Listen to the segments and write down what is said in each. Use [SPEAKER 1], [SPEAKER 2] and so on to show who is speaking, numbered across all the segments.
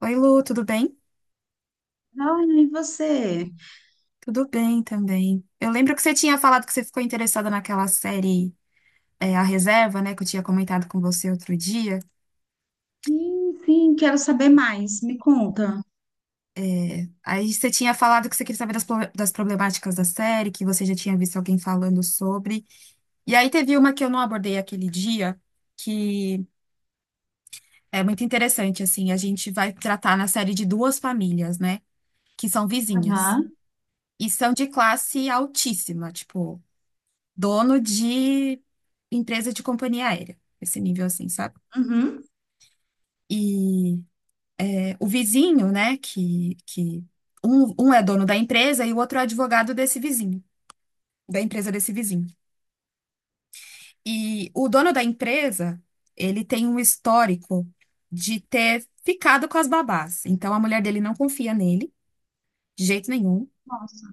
[SPEAKER 1] Oi, Lu, tudo bem?
[SPEAKER 2] Ai, e você?
[SPEAKER 1] Tudo bem também. Eu lembro que você tinha falado que você ficou interessada naquela série, A Reserva, né, que eu tinha comentado com você outro dia.
[SPEAKER 2] Sim, sim, quero saber mais. Me conta.
[SPEAKER 1] Aí você tinha falado que você queria saber das, das problemáticas da série, que você já tinha visto alguém falando sobre. E aí teve uma que eu não abordei aquele dia, que é muito interessante, assim, a gente vai tratar na série de duas famílias, né, que são vizinhas.
[SPEAKER 2] Aham.
[SPEAKER 1] E são de classe altíssima, tipo, dono de empresa de companhia aérea. Esse nível assim, sabe?
[SPEAKER 2] Uhum.
[SPEAKER 1] E o vizinho, né, que um é dono da empresa e o outro é advogado desse vizinho, da empresa desse vizinho. E o dono da empresa, ele tem um histórico de ter ficado com as babás. Então a mulher dele não confia nele, de jeito nenhum,
[SPEAKER 2] Nossa.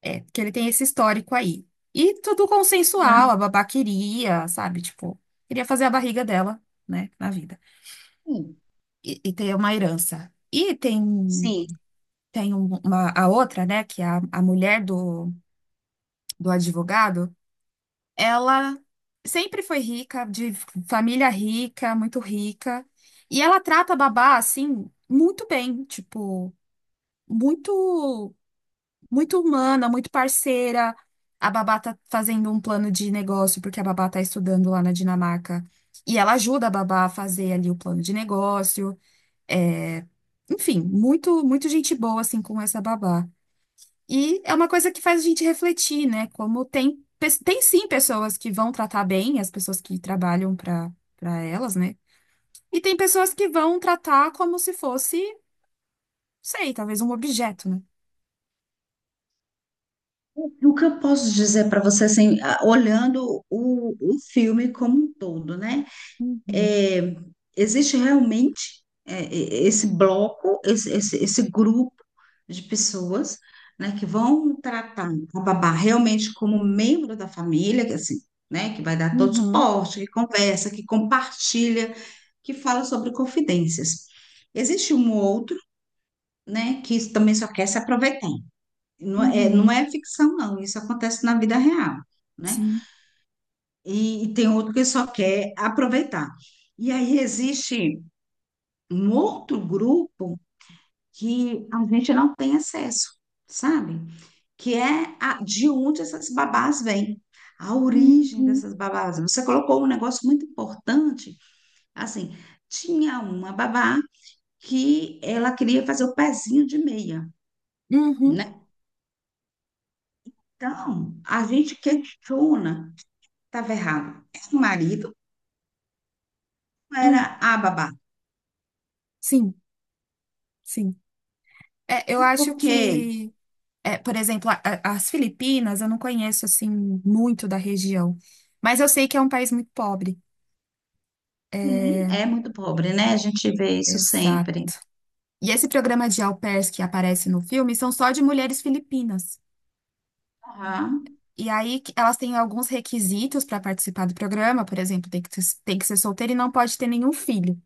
[SPEAKER 1] porque ele tem esse histórico aí. E tudo
[SPEAKER 2] Né?
[SPEAKER 1] consensual, a babá queria, sabe, tipo, queria fazer a barriga dela, né, na vida.
[SPEAKER 2] Sim.
[SPEAKER 1] E ter uma herança. E tem
[SPEAKER 2] Sim.
[SPEAKER 1] tem uma, a outra, né, que é a mulher do, do advogado, ela sempre foi rica, de família rica, muito rica, e ela trata a babá, assim, muito bem, tipo, muito, muito humana, muito parceira. A babá tá fazendo um plano de negócio, porque a babá tá estudando lá na Dinamarca, e ela ajuda a babá a fazer ali o plano de negócio, é... Enfim, muito, muito gente boa, assim, com essa babá. E é uma coisa que faz a gente refletir, né? Como tem, tem sim pessoas que vão tratar bem as pessoas que trabalham para elas, né? E tem pessoas que vão tratar como se fosse, sei, talvez um objeto, né?
[SPEAKER 2] O que eu posso dizer para você, assim, olhando o filme como um todo, né?
[SPEAKER 1] Uhum,
[SPEAKER 2] É, existe realmente esse bloco, esse grupo de pessoas, né, que vão tratar a babá realmente como membro da família, que assim, né, que vai dar todo
[SPEAKER 1] uhum,
[SPEAKER 2] suporte, que conversa, que compartilha. Que fala sobre confidências. Existe um outro, né, que também só quer se aproveitar. Não
[SPEAKER 1] uhum,
[SPEAKER 2] é ficção, não, isso acontece na vida real, né?
[SPEAKER 1] sim.
[SPEAKER 2] E tem outro que só quer aproveitar. E aí existe um outro grupo que a gente não tem acesso, sabe? De onde essas babás vêm, a origem
[SPEAKER 1] Uhum,
[SPEAKER 2] dessas babás. Você colocou um negócio muito importante, assim, tinha uma babá que ela queria fazer o pezinho de meia,
[SPEAKER 1] uhum,
[SPEAKER 2] né? Então, a gente questiona, estava errado. Era o marido ou era
[SPEAKER 1] uhum,
[SPEAKER 2] a babá?
[SPEAKER 1] sim, sim. É, eu acho
[SPEAKER 2] Porque,
[SPEAKER 1] que, é, Por exemplo, as Filipinas, eu não conheço assim muito da região, mas eu sei que é um país muito pobre.
[SPEAKER 2] sim,
[SPEAKER 1] É.
[SPEAKER 2] é muito pobre, né? A gente vê isso
[SPEAKER 1] Exato.
[SPEAKER 2] sempre.
[SPEAKER 1] E esse programa de au pairs que aparece no filme são só de mulheres filipinas.
[SPEAKER 2] Aham.
[SPEAKER 1] E aí elas têm alguns requisitos para participar do programa, por exemplo, tem que ser solteira e não pode ter nenhum filho.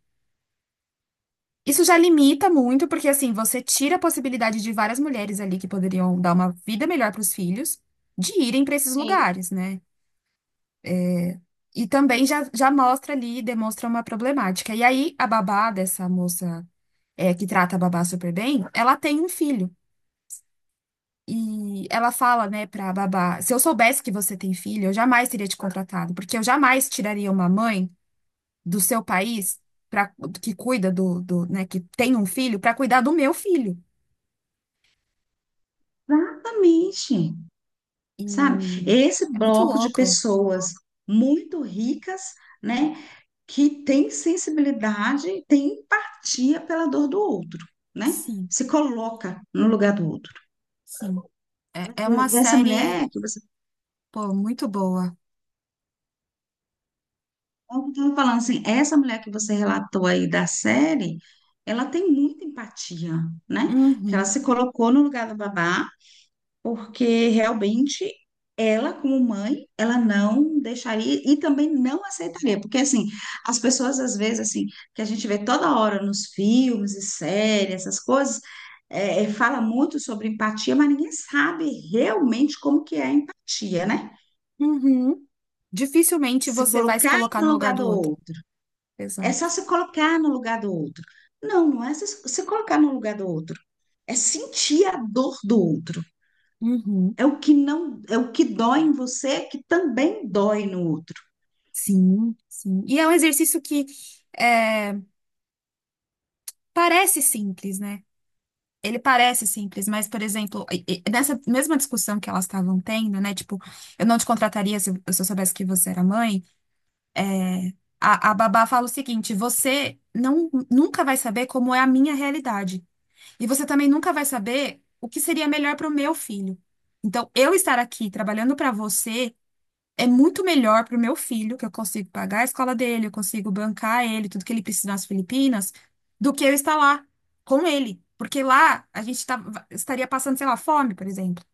[SPEAKER 1] Isso já limita muito, porque assim, você tira a possibilidade de várias mulheres ali que poderiam dar uma vida melhor para os filhos de irem para esses
[SPEAKER 2] Sim.
[SPEAKER 1] lugares, né? E também já, já mostra ali, demonstra uma problemática. E aí a babá dessa moça, que trata a babá super bem, ela tem um filho. E ela fala, né, pra babá: se eu soubesse que você tem filho, eu jamais teria te contratado, porque eu jamais tiraria uma mãe do seu país para que cuida do, do, né, que tem um filho, para cuidar do meu filho.
[SPEAKER 2] Exatamente. Sabe?
[SPEAKER 1] E
[SPEAKER 2] Esse
[SPEAKER 1] é muito
[SPEAKER 2] bloco de
[SPEAKER 1] louco.
[SPEAKER 2] pessoas muito ricas, né? Que tem sensibilidade, tem empatia pela dor do outro, né?
[SPEAKER 1] Sim,
[SPEAKER 2] Se coloca no lugar do outro.
[SPEAKER 1] sim. É, é uma
[SPEAKER 2] Essa
[SPEAKER 1] série,
[SPEAKER 2] mulher que você...
[SPEAKER 1] pô, muito boa.
[SPEAKER 2] É o que eu estava falando, assim, essa mulher que você relatou aí da série, ela tem muita empatia, né? Que ela
[SPEAKER 1] Uhum,
[SPEAKER 2] se colocou no lugar da babá, porque realmente ela, como mãe, ela não deixaria e também não aceitaria, porque assim, as pessoas às vezes assim, que a gente vê toda hora nos filmes e séries, essas coisas, fala muito sobre empatia, mas ninguém sabe realmente como que é a empatia, né?
[SPEAKER 1] uhum. Dificilmente
[SPEAKER 2] Se
[SPEAKER 1] você vai se
[SPEAKER 2] colocar
[SPEAKER 1] colocar
[SPEAKER 2] no
[SPEAKER 1] no lugar
[SPEAKER 2] lugar
[SPEAKER 1] do
[SPEAKER 2] do
[SPEAKER 1] outro.
[SPEAKER 2] outro. É só
[SPEAKER 1] Exato.
[SPEAKER 2] se colocar no lugar do outro. Não, não é se colocar no lugar do outro. É sentir a dor do outro.
[SPEAKER 1] Uhum.
[SPEAKER 2] É o que não, é o que dói em você, que também dói no outro.
[SPEAKER 1] Sim, sim. E é um exercício que é, parece simples, né? Ele parece simples, mas, por exemplo, nessa mesma discussão que elas estavam tendo, né? Tipo, eu não te contrataria se eu soubesse que você era mãe. é, a babá fala o seguinte: você não, nunca vai saber como é a minha realidade. E você também nunca vai saber o que seria melhor para o meu filho. Então, eu estar aqui trabalhando para você é muito melhor para o meu filho, que eu consigo pagar a escola dele, eu consigo bancar ele, tudo que ele precisa nas Filipinas, do que eu estar lá com ele. Porque lá a gente estaria passando, sei lá, fome, por exemplo.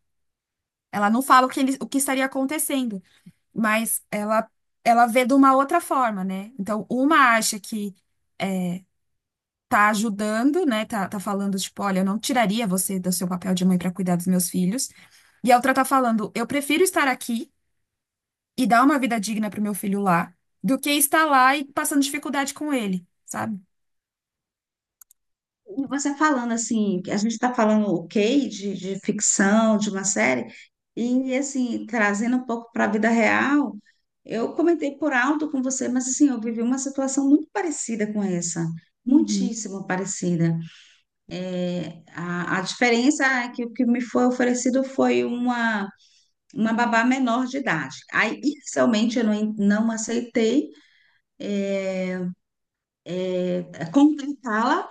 [SPEAKER 1] Ela não fala o que, o que estaria acontecendo, mas ela vê de uma outra forma, né? Então, uma acha que tá ajudando, né? Tá, tá falando, tipo, olha, eu não tiraria você do seu papel de mãe para cuidar dos meus filhos. E a outra tá falando, eu prefiro estar aqui e dar uma vida digna pro meu filho lá, do que estar lá e passando dificuldade com ele, sabe?
[SPEAKER 2] E você falando assim, que a gente está falando ok de ficção, de uma série, e assim, trazendo um pouco para a vida real, eu comentei por alto com você, mas assim, eu vivi uma situação muito parecida com essa, muitíssimo parecida. A diferença é que o que me foi oferecido foi uma babá menor de idade. Aí, inicialmente, eu não, não aceitei contratá-la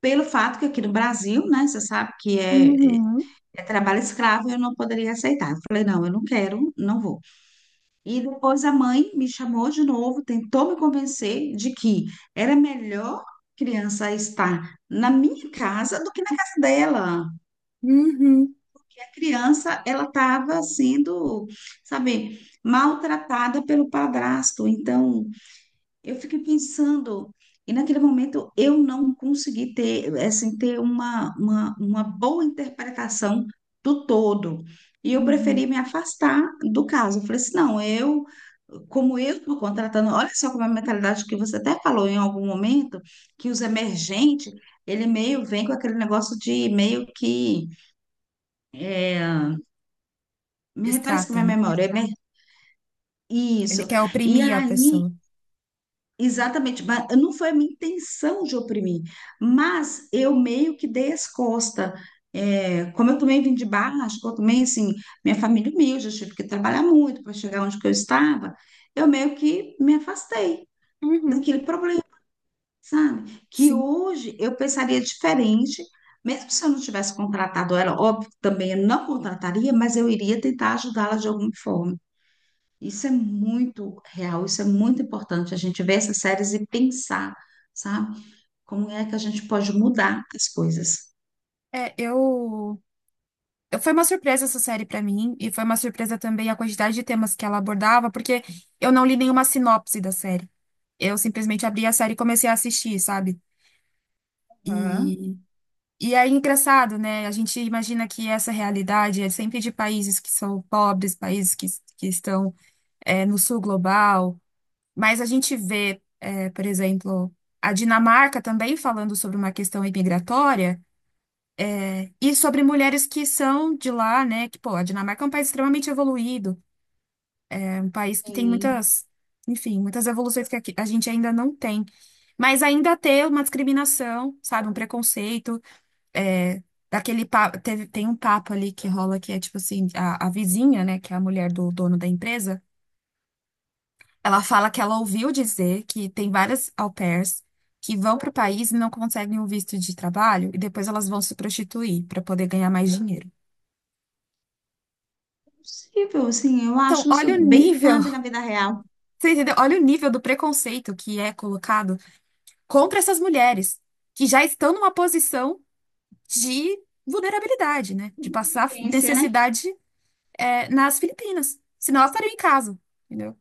[SPEAKER 2] pelo fato que aqui no Brasil, né, você sabe que é,
[SPEAKER 1] Uhum,
[SPEAKER 2] é trabalho escravo, eu não poderia aceitar. Eu falei, não, eu não quero, não vou. E depois a mãe me chamou de novo, tentou me convencer de que era melhor criança estar na minha casa do que na casa dela.
[SPEAKER 1] uhum,
[SPEAKER 2] Criança ela estava sendo, sabe, maltratada pelo padrasto. Então, eu fiquei pensando, e naquele momento eu não consegui ter, assim, ter uma boa interpretação do todo. E eu
[SPEAKER 1] uhum.
[SPEAKER 2] preferi me afastar do caso. Eu falei assim, não, eu, como eu estou contratando, olha só como é a mentalidade que você até falou em algum momento, que os emergentes, ele meio vem com aquele negócio de meio que eh, me refresca
[SPEAKER 1] Distrata,
[SPEAKER 2] minha
[SPEAKER 1] né?
[SPEAKER 2] memória.
[SPEAKER 1] Ele
[SPEAKER 2] Isso.
[SPEAKER 1] quer
[SPEAKER 2] E
[SPEAKER 1] oprimir a
[SPEAKER 2] aí,
[SPEAKER 1] pessoa.
[SPEAKER 2] exatamente, mas não foi a minha intenção de oprimir, mas eu meio que dei as costas. É, como eu também vim de baixo, como eu também, assim, minha família humilde, eu tive que trabalhar muito para chegar onde que eu estava, eu meio que me afastei
[SPEAKER 1] Uhum,
[SPEAKER 2] daquele problema, sabe? Que
[SPEAKER 1] sim.
[SPEAKER 2] hoje eu pensaria diferente, mesmo se eu não tivesse contratado ela, óbvio, que também eu não contrataria, mas eu iria tentar ajudá-la de alguma forma. Isso é muito real, isso é muito importante. A gente ver essas séries e pensar, sabe? Como é que a gente pode mudar as coisas.
[SPEAKER 1] É, eu. Foi uma surpresa essa série pra mim, e foi uma surpresa também a quantidade de temas que ela abordava, porque eu não li nenhuma sinopse da série. Eu simplesmente abri a série e comecei a assistir, sabe?
[SPEAKER 2] Aham.
[SPEAKER 1] E E é engraçado, né? A gente imagina que essa realidade é sempre de países que são pobres, países que estão no sul global, mas a gente vê, é, por exemplo, a Dinamarca também falando sobre uma questão imigratória e sobre mulheres que são de lá, né? Que, pô, a Dinamarca é um país extremamente evoluído, é um país que tem
[SPEAKER 2] Sim,
[SPEAKER 1] muitas, enfim, muitas evoluções que a gente ainda não tem. Mas ainda tem uma discriminação, sabe, um preconceito. é, Daquele papo, teve, tem um papo ali que rola que é tipo assim, a vizinha, né, que é a mulher do dono da empresa, ela fala que ela ouviu dizer que tem várias au pairs que vão para o país e não conseguem um visto de trabalho e depois elas vão se prostituir para poder ganhar mais dinheiro.
[SPEAKER 2] possível, assim, eu
[SPEAKER 1] Então,
[SPEAKER 2] acho isso
[SPEAKER 1] olha o
[SPEAKER 2] bem
[SPEAKER 1] nível,
[SPEAKER 2] cabe na vida real.
[SPEAKER 1] você entendeu? Olha o nível do preconceito que é colocado contra essas mulheres que já estão numa posição de vulnerabilidade, né? De passar
[SPEAKER 2] Experiência, né?
[SPEAKER 1] necessidade nas Filipinas. Senão elas estariam em casa, entendeu?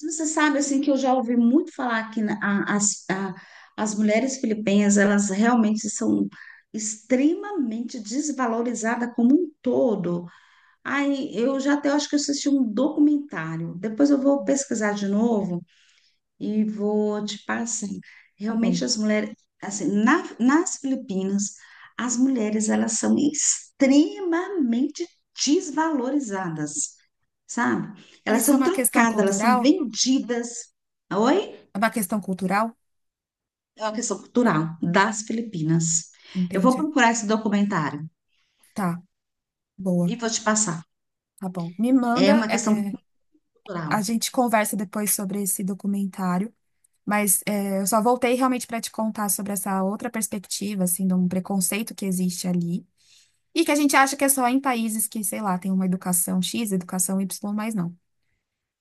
[SPEAKER 2] Você sabe, assim, que eu já ouvi muito falar que as mulheres filipinas, elas realmente são extremamente desvalorizadas como um todo. Aí, eu já até acho que eu assisti um documentário, depois eu vou
[SPEAKER 1] Hum.
[SPEAKER 2] pesquisar de novo, e vou te passar.
[SPEAKER 1] Tá bom.
[SPEAKER 2] Realmente as mulheres, assim, nas Filipinas, as mulheres elas são extremamente desvalorizadas, sabe? Elas
[SPEAKER 1] Isso é
[SPEAKER 2] são
[SPEAKER 1] uma questão
[SPEAKER 2] trocadas, elas são
[SPEAKER 1] cultural?
[SPEAKER 2] vendidas. Oi?
[SPEAKER 1] É uma questão cultural?
[SPEAKER 2] É uma questão cultural das Filipinas. Eu vou
[SPEAKER 1] Entende?
[SPEAKER 2] procurar esse documentário
[SPEAKER 1] Tá,
[SPEAKER 2] e
[SPEAKER 1] boa,
[SPEAKER 2] vou te passar.
[SPEAKER 1] tá bom. Me
[SPEAKER 2] É
[SPEAKER 1] manda,
[SPEAKER 2] uma questão cultural.
[SPEAKER 1] a gente conversa depois sobre esse documentário, mas é, eu só voltei realmente para te contar sobre essa outra perspectiva, assim, de um preconceito que existe ali e que a gente acha que é só em países que, sei lá, tem uma educação X, educação Y, mas não.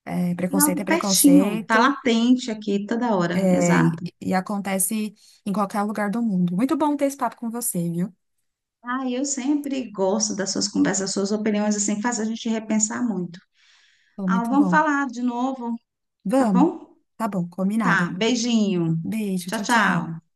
[SPEAKER 1] É, preconceito é
[SPEAKER 2] Não, pertinho, tá
[SPEAKER 1] preconceito.
[SPEAKER 2] latente aqui toda hora,
[SPEAKER 1] É,
[SPEAKER 2] exato.
[SPEAKER 1] e acontece em qualquer lugar do mundo. Muito bom ter esse papo com você, viu?
[SPEAKER 2] Ah, eu sempre gosto das suas conversas, suas opiniões, assim, faz a gente repensar muito.
[SPEAKER 1] Foi
[SPEAKER 2] Ah,
[SPEAKER 1] muito
[SPEAKER 2] vamos
[SPEAKER 1] bom.
[SPEAKER 2] falar de novo, tá
[SPEAKER 1] Vamos.
[SPEAKER 2] bom?
[SPEAKER 1] Tá bom,
[SPEAKER 2] Tá,
[SPEAKER 1] combinado.
[SPEAKER 2] beijinho.
[SPEAKER 1] Beijo,
[SPEAKER 2] Tchau,
[SPEAKER 1] tchau, tchau.
[SPEAKER 2] tchau.